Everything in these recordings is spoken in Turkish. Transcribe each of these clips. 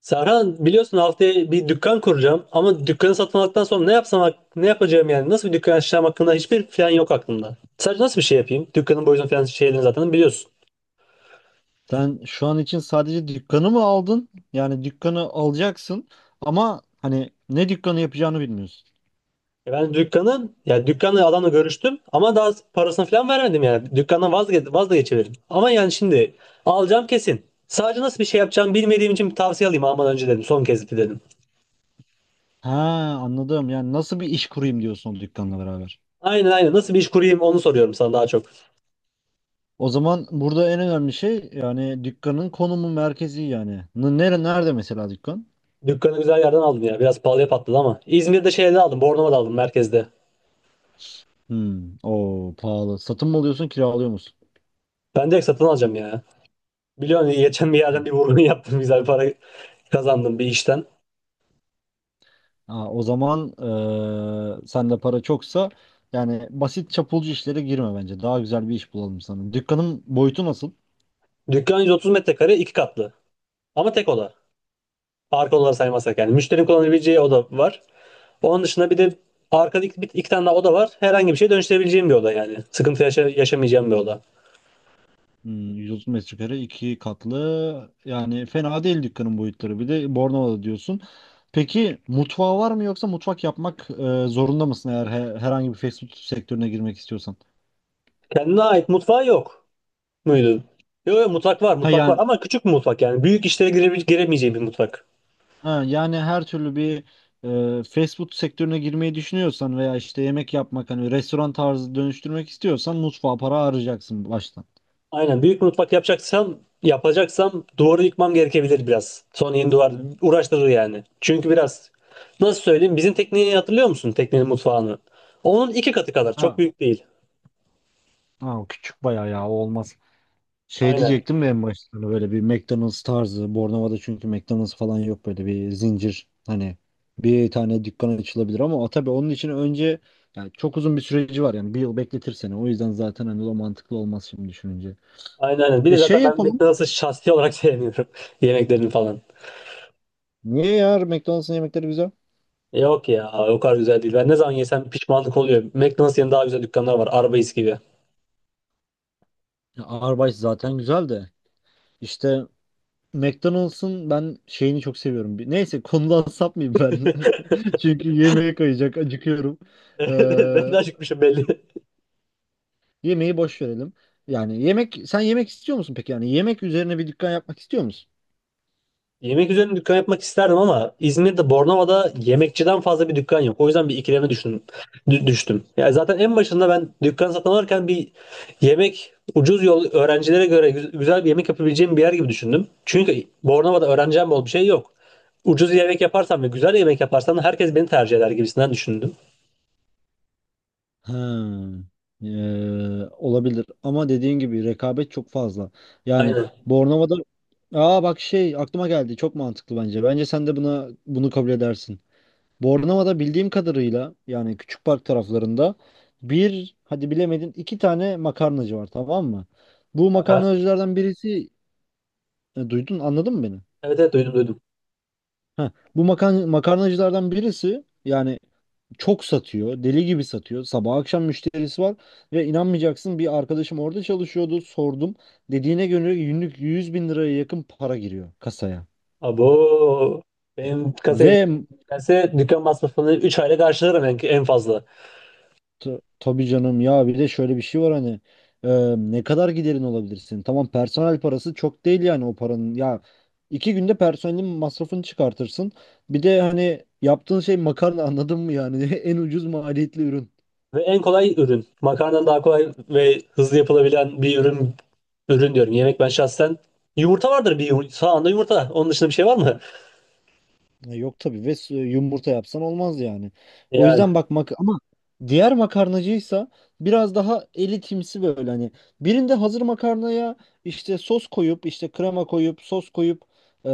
Serhan biliyorsun haftaya bir dükkan kuracağım ama dükkanı satın aldıktan sonra ne yapsam ne yapacağım yani nasıl bir dükkan açacağım hakkında hiçbir plan yok aklımda. Sadece nasıl bir şey yapayım? Dükkanın boyutunu falan şeylerini zaten biliyorsun. Sen şu an için sadece dükkanı mı aldın? Yani dükkanı alacaksın ama hani ne dükkanı yapacağını bilmiyorsun. E ben dükkanı ya dükkanla adamla görüştüm ama daha parasını falan vermedim yani. Dükkandan vazgeçebilirim. Ama yani şimdi alacağım kesin. Sadece nasıl bir şey yapacağım bilmediğim için bir tavsiye alayım almadan önce dedim. Son kez dedim. Ha, anladım. Yani nasıl bir iş kurayım diyorsun o dükkanla beraber. Aynen aynen, nasıl bir iş kurayım onu soruyorum sana daha çok. O zaman burada en önemli şey yani dükkanın konumu merkezi yani. Nerede mesela dükkan? Dükkanı güzel yerden aldım ya. Biraz pahalıya patladı ama. İzmir'de şeyde aldım. Bornova'da aldım merkezde. Hmm, o pahalı. Satın mı alıyorsun, kiralıyor musun? Ben direkt satın alacağım ya. Biliyorsun geçen bir yerden bir vurgun yaptım. Güzel para kazandım bir işten. Ha, o zaman sende para çoksa yani basit çapulcu işlere girme bence. Daha güzel bir iş bulalım sana. Dükkanın boyutu nasıl? Dükkan 130 metrekare, iki katlı. Ama tek oda. Arka odaları saymazsak yani. Müşterinin kullanabileceği oda var. Onun dışında bir de arkada iki, iki tane daha oda var. Herhangi bir şey dönüştürebileceğim bir oda yani. Sıkıntı yaşamayacağım bir oda. Hmm, 130 metrekare iki katlı yani fena değil dükkanın boyutları, bir de Bornova'da diyorsun. Peki mutfağı var mı yoksa mutfak yapmak zorunda mısın eğer herhangi bir fast food sektörüne girmek istiyorsan? Kendine ait mutfağı yok muydu? Yok yok, mutfak var, Ha mutfak var yani ama küçük bir mutfak yani. Büyük işlere giremeyeceğim bir mutfak. ha, yani her türlü bir fast food sektörüne girmeyi düşünüyorsan veya işte yemek yapmak hani restoran tarzı dönüştürmek istiyorsan mutfağa para harcayacaksın baştan. Aynen, büyük mutfak yapacaksam duvarı yıkmam gerekebilir biraz. Son yeni duvar uğraştırır yani. Çünkü biraz nasıl söyleyeyim, bizim tekneyi hatırlıyor musun? Teknenin mutfağını. Onun iki katı kadar, çok Ha, büyük değil. ha, o küçük bayağı ya, o olmaz. Şey Aynen. diyecektim ya, en başta hani böyle bir McDonald's tarzı. Bornova'da çünkü McDonald's falan yok, böyle bir zincir. Hani bir tane dükkan açılabilir ama o tabii, onun için önce yani çok uzun bir süreci var, yani bir yıl bekletir seni. O yüzden zaten hani o mantıklı olmaz şimdi düşününce. Aynen aynen. Bir de E şey zaten ben yapalım. McDonald's'ı şahsi olarak sevmiyorum. Yemeklerini falan. Niye ya, McDonald's'ın yemekleri güzel? Yok ya, o kadar güzel değil. Ben ne zaman yesem pişmanlık oluyor. McDonald's yerine daha güzel dükkanlar var. Arby's gibi. Ya, Arby's zaten güzel de işte McDonald's'ın ben şeyini çok seviyorum. Neyse, konudan sapmayayım ben. Çünkü yemeğe kayacak, acıkıyorum. Ben de acıkmışım belli. Yemeği boş verelim. Yani yemek, sen yemek istiyor musun peki? Yani yemek üzerine bir dükkan yapmak istiyor musun? Yemek üzerine dükkan yapmak isterdim ama İzmir'de Bornova'da yemekçiden fazla bir dükkan yok. O yüzden bir ikileme düştüm. Düştüm. Ya zaten en başında ben dükkan satın alırken bir yemek ucuz yol öğrencilere göre güzel bir yemek yapabileceğim bir yer gibi düşündüm. Çünkü Bornova'da öğreneceğim bol bir şey yok. Ucuz yemek yaparsam ve güzel yemek yaparsam herkes beni tercih eder gibisinden düşündüm. Ha, olabilir ama dediğin gibi rekabet çok fazla. Yani Aynen. Bornova'da, aa bak şey aklıma geldi, çok mantıklı bence. Bence sen de bunu kabul edersin. Bornova'da bildiğim kadarıyla yani Küçük Park taraflarında bir, hadi bilemedin iki tane makarnacı var tamam mı? Bu Aha. makarnacılardan birisi duydun anladın mı beni? Evet evet, duydum duydum. Heh, bu makarnacılardan birisi yani çok satıyor, deli gibi satıyor. Sabah akşam müşterisi var ve inanmayacaksın, bir arkadaşım orada çalışıyordu. Sordum. Dediğine göre günlük 100.000 liraya yakın para giriyor kasaya. Abo, benim Ve kasaya gelse dükkan masrafını 3 ayda karşılarım en, en fazla. Tabii canım ya, bir de şöyle bir şey var hani e, ne kadar giderin olabilirsin? Tamam, personel parası çok değil yani o paranın. Ya, 2 günde personelin masrafını çıkartırsın. Bir de hani yaptığın şey makarna, anladın mı yani, en ucuz maliyetli ürün. Ve en kolay ürün. Makarnadan daha kolay ve hızlı yapılabilen bir ürün, ürün diyorum. Yemek, ben şahsen yumurta vardır bir yumurta. Sağında yumurta. Onun dışında bir şey var mı? Yok tabii ve yumurta yapsan olmaz yani. O Yani yüzden bak, ama diğer makarnacıysa biraz daha elitimsi, böyle hani birinde hazır makarnaya işte sos koyup işte krema koyup sos koyup e,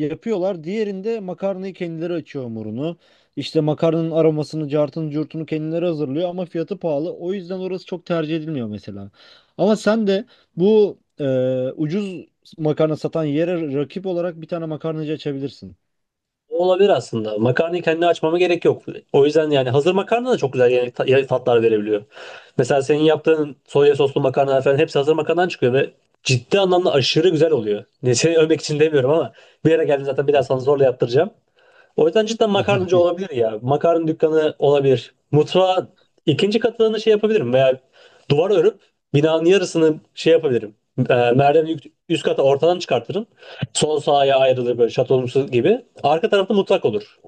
yapıyorlar. Diğerinde makarnayı kendileri açıyor hamurunu. İşte makarnanın aromasını, cartını, curtunu kendileri hazırlıyor ama fiyatı pahalı. O yüzden orası çok tercih edilmiyor mesela. Ama sen de bu ucuz makarna satan yere rakip olarak bir tane makarnacı açabilirsin. olabilir aslında. Makarnayı kendi açmama gerek yok. O yüzden yani hazır makarna da çok güzel yemek yemek tatlar verebiliyor. Mesela senin yaptığın soya soslu makarna falan hepsi hazır makarnadan çıkıyor ve ciddi anlamda aşırı güzel oluyor. Ne seni övmek için demiyorum ama bir yere geldim zaten, bir daha sana zorla yaptıracağım. O yüzden cidden makarnacı Evet. olabilir ya. Makarna dükkanı olabilir. Mutfağa ikinci katını şey yapabilirim veya duvar örüp binanın yarısını şey yapabilirim. Merdiveni üst kata ortadan çıkartırım. Sol sağa ayrılır, böyle şatonumsu gibi. Arka tarafta mutfak olur.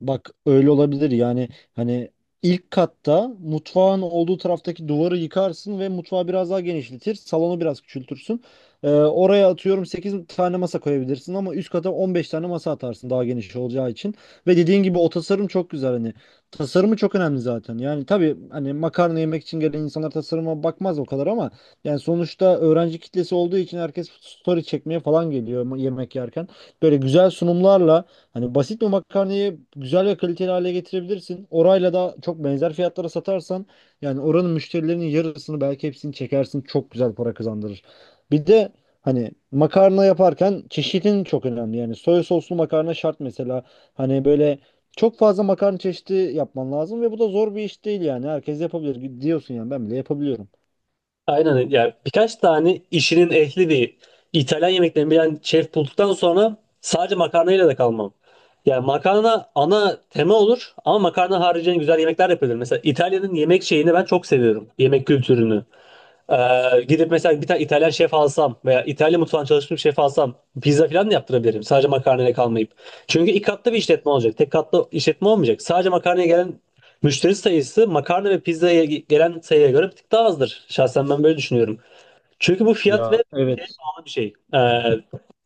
Bak, öyle olabilir yani, hani ilk katta mutfağın olduğu taraftaki duvarı yıkarsın ve mutfağı biraz daha genişletir, salonu biraz küçültürsün. Oraya atıyorum 8 tane masa koyabilirsin ama üst kata 15 tane masa atarsın daha geniş olacağı için. Ve dediğin gibi o tasarım çok güzel, hani tasarımı çok önemli zaten. Yani tabii, hani makarna yemek için gelen insanlar tasarıma bakmaz o kadar ama yani sonuçta öğrenci kitlesi olduğu için herkes story çekmeye falan geliyor yemek yerken. Böyle güzel sunumlarla, hani basit bir makarnayı güzel ve kaliteli hale getirebilirsin. Orayla da çok benzer fiyatlara satarsan yani oranın müşterilerinin yarısını belki hepsini çekersin. Çok güzel para kazandırır. Bir de hani makarna yaparken çeşidin çok önemli. Yani soya soslu makarna şart mesela. Hani böyle çok fazla makarna çeşidi yapman lazım ve bu da zor bir iş değil yani. Herkes yapabilir diyorsun, yani ben bile yapabiliyorum. Aynen, yani birkaç tane işinin ehli bir İtalyan yemeklerini bilen şef bulduktan sonra sadece makarnayla da kalmam. Yani makarna ana tema olur ama makarna haricinde güzel yemekler yapılır. Mesela İtalya'nın yemek şeyini ben çok seviyorum. Yemek kültürünü. Gidip mesela bir tane İtalyan şef alsam veya İtalya mutfağında çalışmış bir şef alsam pizza falan da yaptırabilirim. Sadece makarnayla kalmayıp. Çünkü iki katlı bir işletme olacak. Tek katlı işletme olmayacak. Sadece makarnaya gelen müşteri sayısı makarna ve pizzaya gelen sayıya göre bir tık daha azdır. Şahsen ben böyle düşünüyorum. Çünkü bu fiyat Ya, ve şeye evet. bağlı bir şey.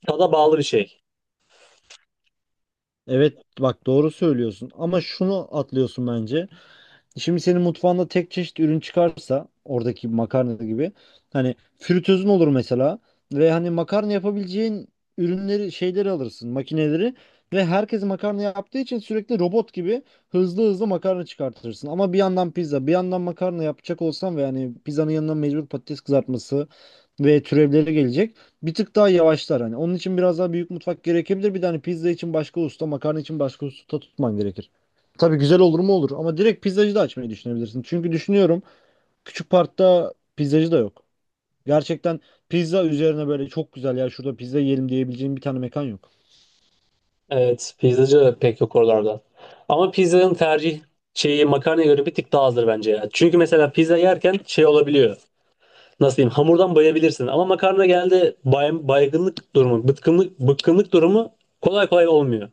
Tada bağlı bir şey. Evet, bak doğru söylüyorsun ama şunu atlıyorsun bence. Şimdi senin mutfağında tek çeşit ürün çıkarsa oradaki makarna gibi, hani fritözün olur mesela ve hani makarna yapabileceğin ürünleri, şeyleri alırsın, makineleri ve herkes makarna yaptığı için sürekli robot gibi hızlı hızlı makarna çıkartırsın. Ama bir yandan pizza bir yandan makarna yapacak olsan ve hani pizzanın yanına mecbur patates kızartması ve türevleri gelecek, bir tık daha yavaşlar, hani onun için biraz daha büyük mutfak gerekebilir, bir de hani pizza için başka usta makarna için başka usta tutman gerekir. Tabii güzel olur mu olur ama direkt pizzacı da açmayı düşünebilirsin. Çünkü düşünüyorum, küçük parkta pizzacı da yok. Gerçekten pizza üzerine böyle çok güzel, ya şurada pizza yiyelim diyebileceğim bir tane mekan yok. Evet, pizzacı pek yok oralarda. Ama pizzanın tercih şeyi makarnaya göre bir tık daha azdır bence ya. Çünkü mesela pizza yerken şey olabiliyor. Nasıl diyeyim, hamurdan bayabilirsin. Ama makarna geldi baygınlık durumu, bıkkınlık durumu kolay kolay olmuyor.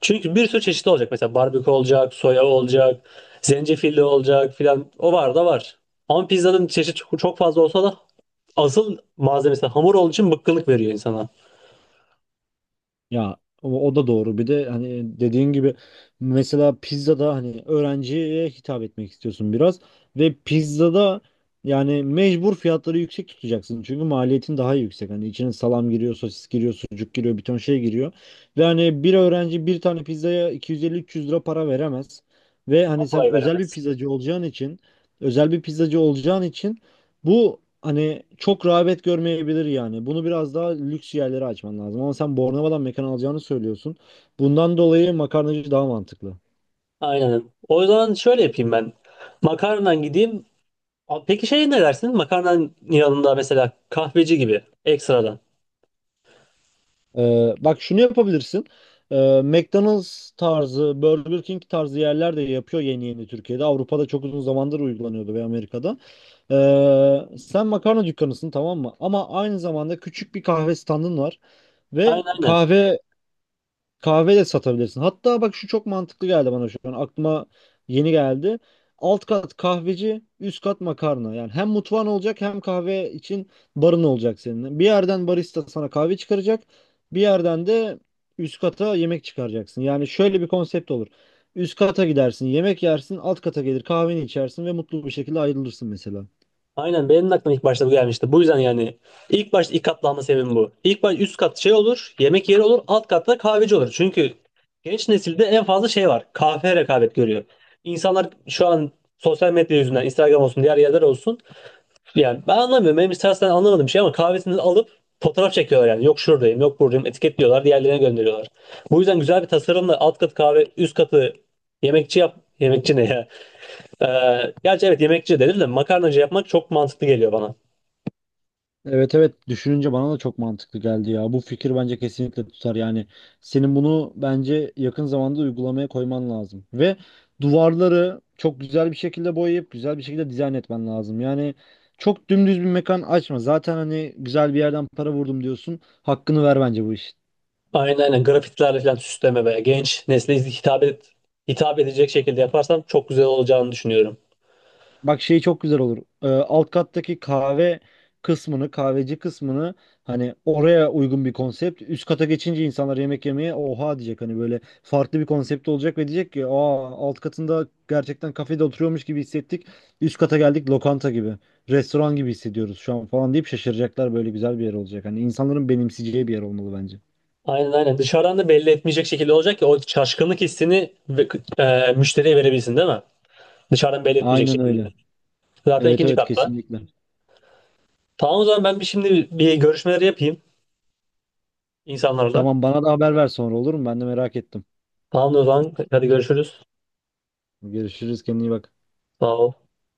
Çünkü bir sürü çeşit olacak. Mesela barbekü olacak, soya olacak, zencefilli olacak filan. O var da var. Ama pizzanın çeşit çok çok fazla olsa da asıl malzemesi hamur olduğu için bıkkınlık veriyor insana. Ya, o da doğru. Bir de hani dediğin gibi mesela pizzada hani öğrenciye hitap etmek istiyorsun biraz ve pizzada yani mecbur fiyatları yüksek tutacaksın. Çünkü maliyetin daha yüksek. Hani içine salam giriyor, sosis giriyor, sucuk giriyor, bir ton şey giriyor. Ve hani bir öğrenci bir tane pizzaya 250-300 lira para veremez. Ve hani sen Kolay özel bir veremez. pizzacı olacağın için özel bir pizzacı olacağın için bu hani çok rağbet görmeyebilir yani. Bunu biraz daha lüks yerlere açman lazım. Ama sen Bornova'dan mekan alacağını söylüyorsun. Bundan dolayı makarnacı daha mantıklı. Aynen. O zaman şöyle yapayım ben. Makarnadan gideyim. Peki şey, ne dersin? Makarnanın yanında mesela kahveci gibi ekstradan. Bak şunu yapabilirsin. McDonald's tarzı, Burger King tarzı yerler de yapıyor yeni yeni Türkiye'de. Avrupa'da çok uzun zamandır uygulanıyordu ve Amerika'da. Sen makarna dükkanısın tamam mı? Ama aynı zamanda küçük bir kahve standın var ve Aynen aynen. kahve de satabilirsin. Hatta bak, şu çok mantıklı geldi bana şu an. Aklıma yeni geldi. Alt kat kahveci, üst kat makarna. Yani hem mutfağın olacak hem kahve için barın olacak senin. Bir yerden barista sana kahve çıkaracak. Bir yerden de üst kata yemek çıkaracaksın. Yani şöyle bir konsept olur. Üst kata gidersin, yemek yersin, alt kata gelir kahveni içersin ve mutlu bir şekilde ayrılırsın mesela. Aynen, benim de aklıma ilk başta bu gelmişti. Bu yüzden yani ilk başta ilk katlanma sebebim bu. İlk baş üst kat şey olur, yemek yeri olur, alt katta kahveci olur. Çünkü genç nesilde en fazla şey var. Kahve rekabet görüyor. İnsanlar şu an sosyal medya yüzünden Instagram olsun, diğer yerler olsun. Yani ben anlamıyorum. Benim istersen anlamadığım şey, ama kahvesini alıp fotoğraf çekiyorlar yani. Yok şuradayım, yok buradayım. Etiketliyorlar, diğerlerine gönderiyorlar. Bu yüzden güzel bir tasarımla alt katı kahve, üst katı yemekçi yap. Yemekçi ne ya? Gerçi evet, yemekçi denir de makarnacı yapmak çok mantıklı geliyor bana. Evet, evet, düşününce bana da çok mantıklı geldi ya. Bu fikir bence kesinlikle tutar yani. Senin bunu bence yakın zamanda uygulamaya koyman lazım. Ve duvarları çok güzel bir şekilde boyayıp güzel bir şekilde dizayn etmen lazım. Yani çok dümdüz bir mekan açma. Zaten hani güzel bir yerden para vurdum diyorsun. Hakkını ver bence bu işin. Aynen aynen, grafitlerle falan süsleme ve genç nesle hitap et, edecek şekilde yaparsam çok güzel olacağını düşünüyorum. Bak, şey çok güzel olur. Alt kattaki kahve kısmını, kahveci kısmını hani oraya uygun bir konsept. Üst kata geçince insanlar yemek yemeye oha diyecek. Hani böyle farklı bir konsept olacak ve diyecek ki aa alt katında gerçekten kafede oturuyormuş gibi hissettik. Üst kata geldik lokanta gibi. Restoran gibi hissediyoruz şu an falan deyip şaşıracaklar. Böyle güzel bir yer olacak. Hani insanların benimseyeceği bir yer olmalı bence. Aynen aynen, dışarıdan da belli etmeyecek şekilde olacak ki o şaşkınlık hissini müşteriye verebilsin, değil mi? Dışarıdan belli etmeyecek Aynen şekilde. öyle. Zaten Evet, ikinci evet, katta. kesinlikle. Tamam, o zaman ben bir şimdi bir görüşmeleri yapayım insanlarla. Tamam, bana da haber ver sonra olur mu? Ben de merak ettim. Tamam o zaman hadi görüşürüz. Görüşürüz. Kendine iyi bak. Sağ ol.